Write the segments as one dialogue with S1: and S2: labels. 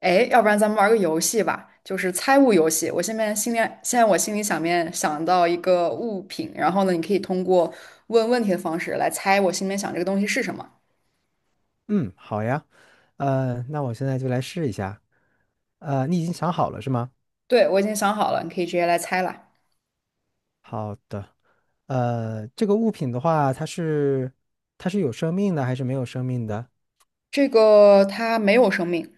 S1: 哎，要不然咱们玩个游戏吧，就是猜物游戏。我现在心里，现在我心里想到一个物品，然后呢，你可以通过问问题的方式来猜我心里面想这个东西是什么。
S2: 嗯，好呀。那我现在就来试一下。你已经想好了是吗？
S1: 对，我已经想好了，你可以直接来猜了。
S2: 好的。这个物品的话，它是有生命的还是没有生命的？
S1: 这个它没有生命，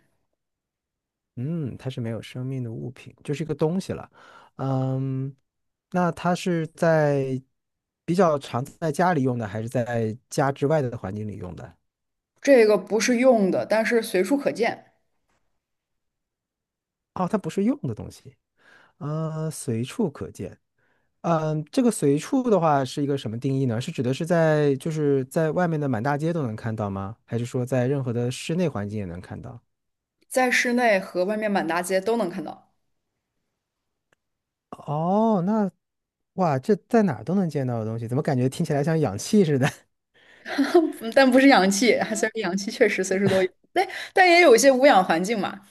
S2: 嗯，它是没有生命的物品，就是一个东西了。嗯，那它是在比较常在家里用的，还是在家之外的环境里用的？
S1: 这个不是用的，但是随处可见，
S2: 哦，它不是用的东西。随处可见。这个随处的话是一个什么定义呢？是指的是在就是在外面的满大街都能看到吗？还是说在任何的室内环境也能看到？
S1: 在室内和外面满大街都能看到，
S2: 哦，那哇，这在哪儿都能见到的东西，怎么感觉听起来像氧气似的。
S1: 但不是氧气，虽然氧气确实随时都有，但也有一些无氧环境嘛。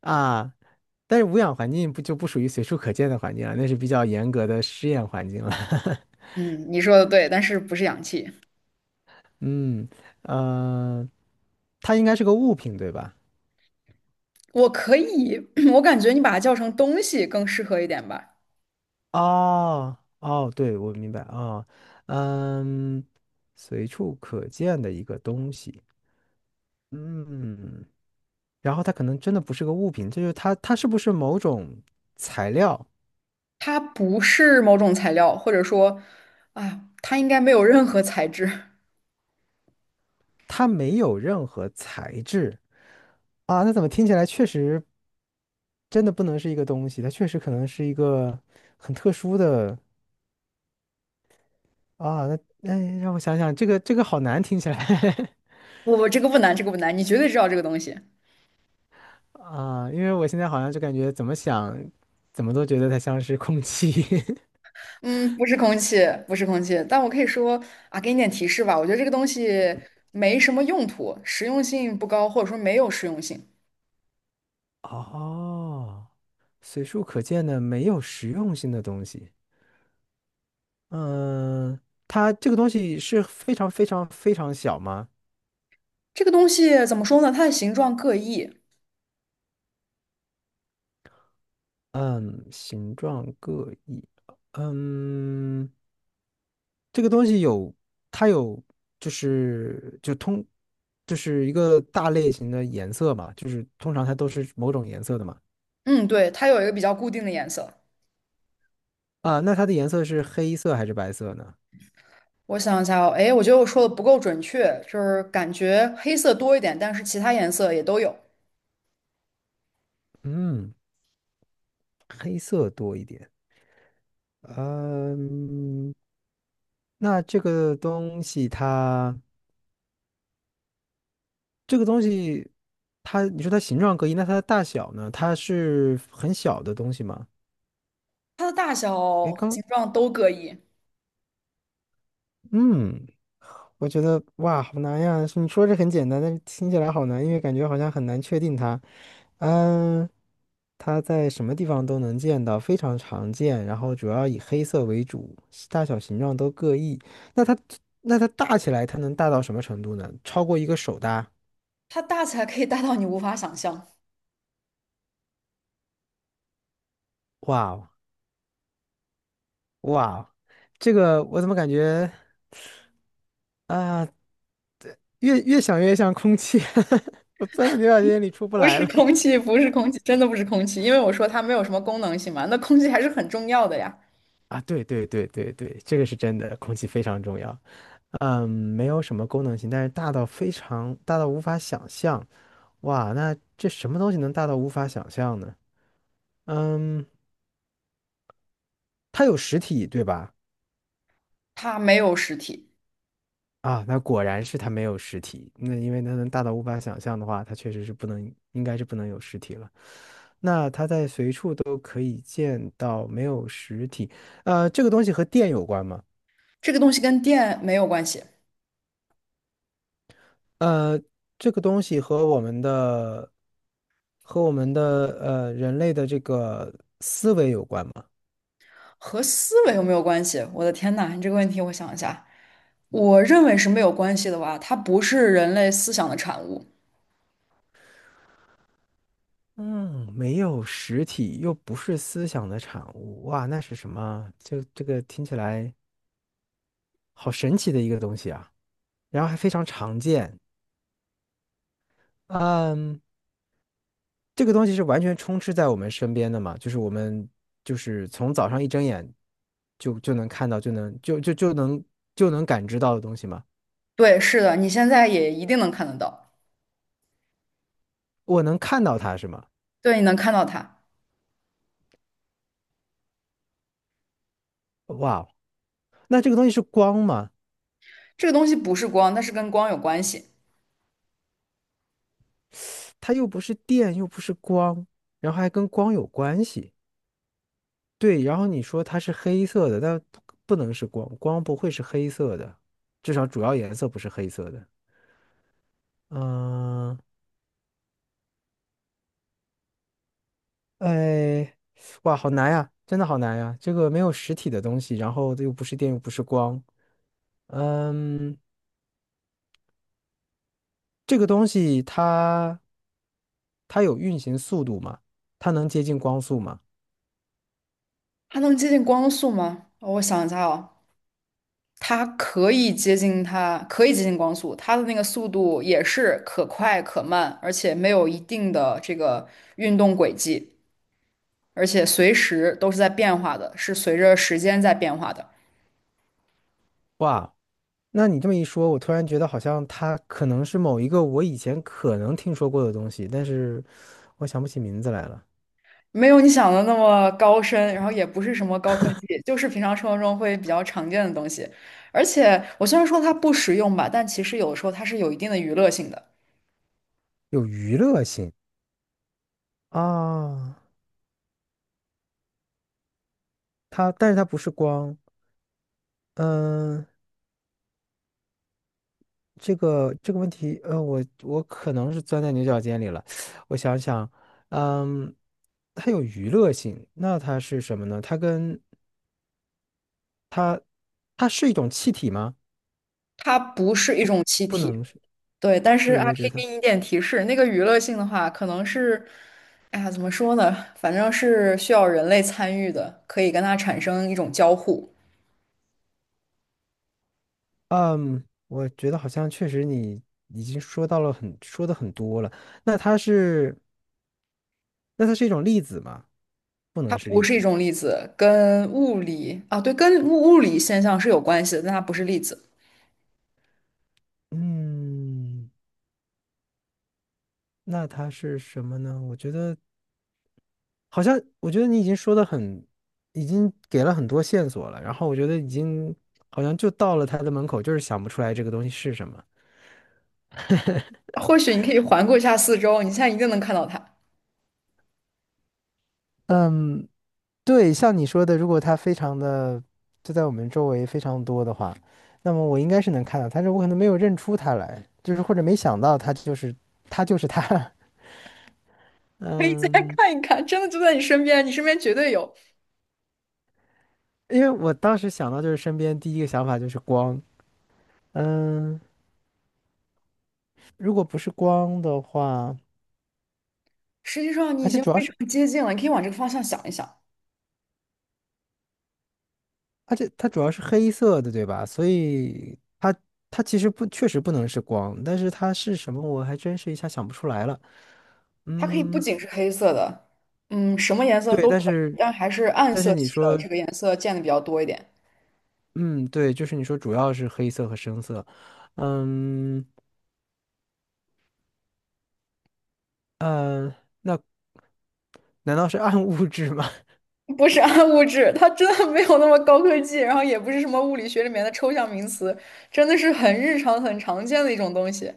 S2: 啊？但是无氧环境不就不属于随处可见的环境了，那是比较严格的试验环境了。
S1: 嗯，你说的对，但是不是氧气。
S2: 嗯，呃，它应该是个物品，对吧？
S1: 我可以，我感觉你把它叫成东西更适合一点吧。
S2: 哦哦，对，我明白啊。嗯，随处可见的一个东西。嗯，然后它可能真的不是个物品，这就是它，它是不是某种材料？
S1: 它不是某种材料，或者说，啊，它应该没有任何材质。
S2: 它没有任何材质啊，那怎么听起来确实真的不能是一个东西？它确实可能是一个很特殊的。啊，那哎，让我想想，这个好难听起来。
S1: 不，这个不难，这个不难，你绝对知道这个东西。
S2: 啊，因为我现在好像就感觉怎么想，怎么都觉得它像是空气。
S1: 嗯，不是空气，不是空气，但我可以说啊，给你点提示吧。我觉得这个东西没什么用途，实用性不高，或者说没有实用性。
S2: 哦，随处可见的没有实用性的东西。嗯，它这个东西是非常非常非常小吗？
S1: 这个东西怎么说呢？它的形状各异。
S2: 嗯，形状各异。嗯，这个东西有，它有，就是就通，就是一个大类型的颜色嘛，就是通常它都是某种颜色的嘛。
S1: 嗯，对，它有一个比较固定的颜色。
S2: 啊，那它的颜色是黑色还是白色呢？
S1: 我想一下哦，哎，我觉得我说的不够准确，就是感觉黑色多一点，但是其他颜色也都有。
S2: 嗯，黑色多一点。嗯，那这个东西它，你说它形状各异，那它的大小呢？它是很小的东西吗？
S1: 它的大小
S2: 诶，
S1: 和
S2: 刚，
S1: 形状都各异，
S2: 嗯，我觉得哇，好难呀！你说这很简单，但是听起来好难，因为感觉好像很难确定它。嗯，它在什么地方都能见到，非常常见，然后主要以黑色为主，大小形状都各异。那它，那它大起来，它能大到什么程度呢？超过一个手大？
S1: 它大起来可以大到你无法想象。
S2: 哇哦！哇，这个我怎么感觉啊，越想越像空气。我钻在牛角尖里出不
S1: 不
S2: 来
S1: 是
S2: 了。
S1: 空气，不是空气，真的不是空气，因为我说它没有什么功能性嘛，那空气还是很重要的呀。
S2: 啊，对对对对对，这个是真的，空气非常重要。没有什么功能性，但是大到非常大到无法想象。哇，那这什么东西能大到无法想象呢？嗯，它有实体，对吧？
S1: 它没有实体，
S2: 啊，那果然是它没有实体。那因为它能大到无法想象的话，它确实是不能，应该是不能有实体了。那它在随处都可以见到，没有实体。这个东西和电有关吗？
S1: 这个东西跟电没有关系，
S2: 呃，这个东西和我们的人类的这个思维有关吗？
S1: 和思维有没有关系？我的天呐，你这个问题我想一下，我认为是没有关系的吧，它不是人类思想的产物。
S2: 嗯，没有实体，又不是思想的产物。哇，那是什么？就这个听起来好神奇的一个东西啊！然后还非常常见。嗯，这个东西是完全充斥在我们身边的嘛，就是我们就是从早上一睁眼就能看到，就能就就就能就能感知到的东西嘛。
S1: 对，是的，你现在也一定能看得到。
S2: 我能看到它是吗？
S1: 对，你能看到它。
S2: 哇哦。那这个东西是光吗？
S1: 这个东西不是光，但是跟光有关系。
S2: 它又不是电，又不是光，然后还跟光有关系。对，然后你说它是黑色的，但不能是光，光不会是黑色的，至少主要颜色不是黑色的。嗯，哎，哇，好难呀，真的好难呀！这个没有实体的东西，然后又不是电，又不是光。嗯，这个东西它有运行速度吗？它能接近光速吗？
S1: 它能接近光速吗？我想一下哦，它可以接近它，可以接近光速，它的那个速度也是可快可慢，而且没有一定的这个运动轨迹，而且随时都是在变化的，是随着时间在变化的。
S2: 哇，那你这么一说，我突然觉得好像它可能是某一个我以前可能听说过的东西，但是我想不起名字来了。
S1: 没有你想的那么高深，然后也不是什么高科技，就是平常生活中会比较常见的东西。而且我虽然说它不实用吧，但其实有的时候它是有一定的娱乐性的。
S2: 有娱乐性啊。它，但是它不是光。嗯。这个问题，我可能是钻在牛角尖里了。我想想。嗯，它有娱乐性，那它是什么呢？它跟它，它是一种气体吗？
S1: 它不是一种气
S2: 不
S1: 体，
S2: 能是，
S1: 对，但是
S2: 对，
S1: 啊，
S2: 我也
S1: 可
S2: 觉
S1: 以
S2: 得。
S1: 给你一点提示，那个娱乐性的话，可能是，哎呀，怎么说呢？反正是需要人类参与的，可以跟它产生一种交互。
S2: 嗯，我觉得好像确实你已经说到了很，说的很多了。那它是，那它是，一种粒子吗？不
S1: 它
S2: 能是
S1: 不
S2: 粒
S1: 是一
S2: 子。
S1: 种粒子，跟物理啊，对，跟物理现象是有关系的，但它不是粒子。
S2: 嗯，那它是什么呢？我觉得好像我觉得你已经说的很，已经给了很多线索了，然后我觉得已经好像就到了他的门口，就是想不出来这个东西是什么。
S1: 或许你可以环顾一下四周，你现在一定能看到它，
S2: 嗯，对，像你说的，如果它非常的就在我们周围非常多的话，那么我应该是能看到它，但是我可能没有认出他来，就是或者没想到他就是他就是他。
S1: 可以再
S2: 嗯，
S1: 看一看，真的就在你身边，你身边绝对有。
S2: 因为我当时想到就是身边第一个想法就是光。嗯，如果不是光的话，
S1: 实际上你
S2: 而
S1: 已
S2: 且
S1: 经非
S2: 主要是。
S1: 常接近了，你可以往这个方向想一想。
S2: 而且它主要是黑色的，对吧？所以它其实不确实不能是光，但是它是什么，我还真是一下想不出来了。
S1: 它可以不
S2: 嗯，
S1: 仅是黑色的，嗯，什么颜色
S2: 对，
S1: 都
S2: 但
S1: 可以，
S2: 是
S1: 但还是暗色
S2: 你
S1: 系的
S2: 说。
S1: 这个颜色见的比较多一点。
S2: 嗯，对，就是你说主要是黑色和深色。嗯呃，那难道是暗物质吗？
S1: 不是暗物质，它真的没有那么高科技，然后也不是什么物理学里面的抽象名词，真的是很日常、很常见的一种东西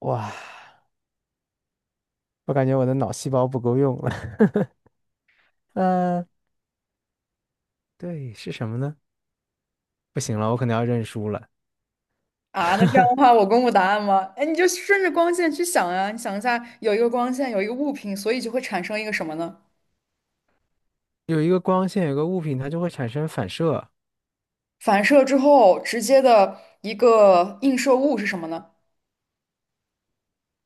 S2: 哇，我感觉我的脑细胞不够用了。呃，对，是什么呢？不行了，我可能要认输了。
S1: 啊。那这样的话，我公布答案吗？哎，你就顺着光线去想呀，你想一下，有一个光线，有一个物品，所以就会产生一个什么呢？
S2: 有一个光线，有个物品，它就会产生反射，
S1: 反射之后直接的一个映射物是什么呢？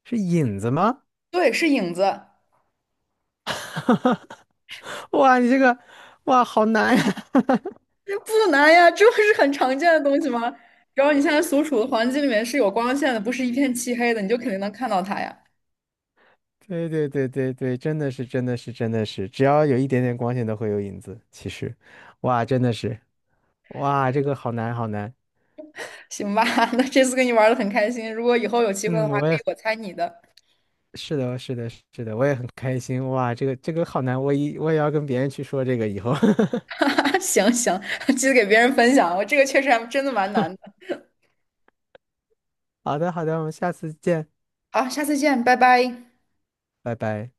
S2: 是影子吗？
S1: 对，是影子。
S2: 哈，哇，你这个，哇，好难呀！
S1: 不难呀，这不是很常见的东西吗？只要你现在所处的环境里面是有光线的，不是一片漆黑的，你就肯定能看到它呀。
S2: 对对对对对，真的是真的是真的是，只要有一点点光线都会有影子。其实，哇，真的是，哇，这个好难好难。
S1: 行吧，那这次跟你玩的很开心，如果以后有机会的
S2: 嗯，
S1: 话，可
S2: 我也
S1: 以我猜你的。
S2: 是的，是的，是的，我也很开心。哇，这个好难，我也要跟别人去说这个以后。
S1: 行，记得给别人分享，我这个确实还真的蛮难的。
S2: 好的好的，我们下次见，
S1: 好，下次见，拜拜。
S2: 拜拜。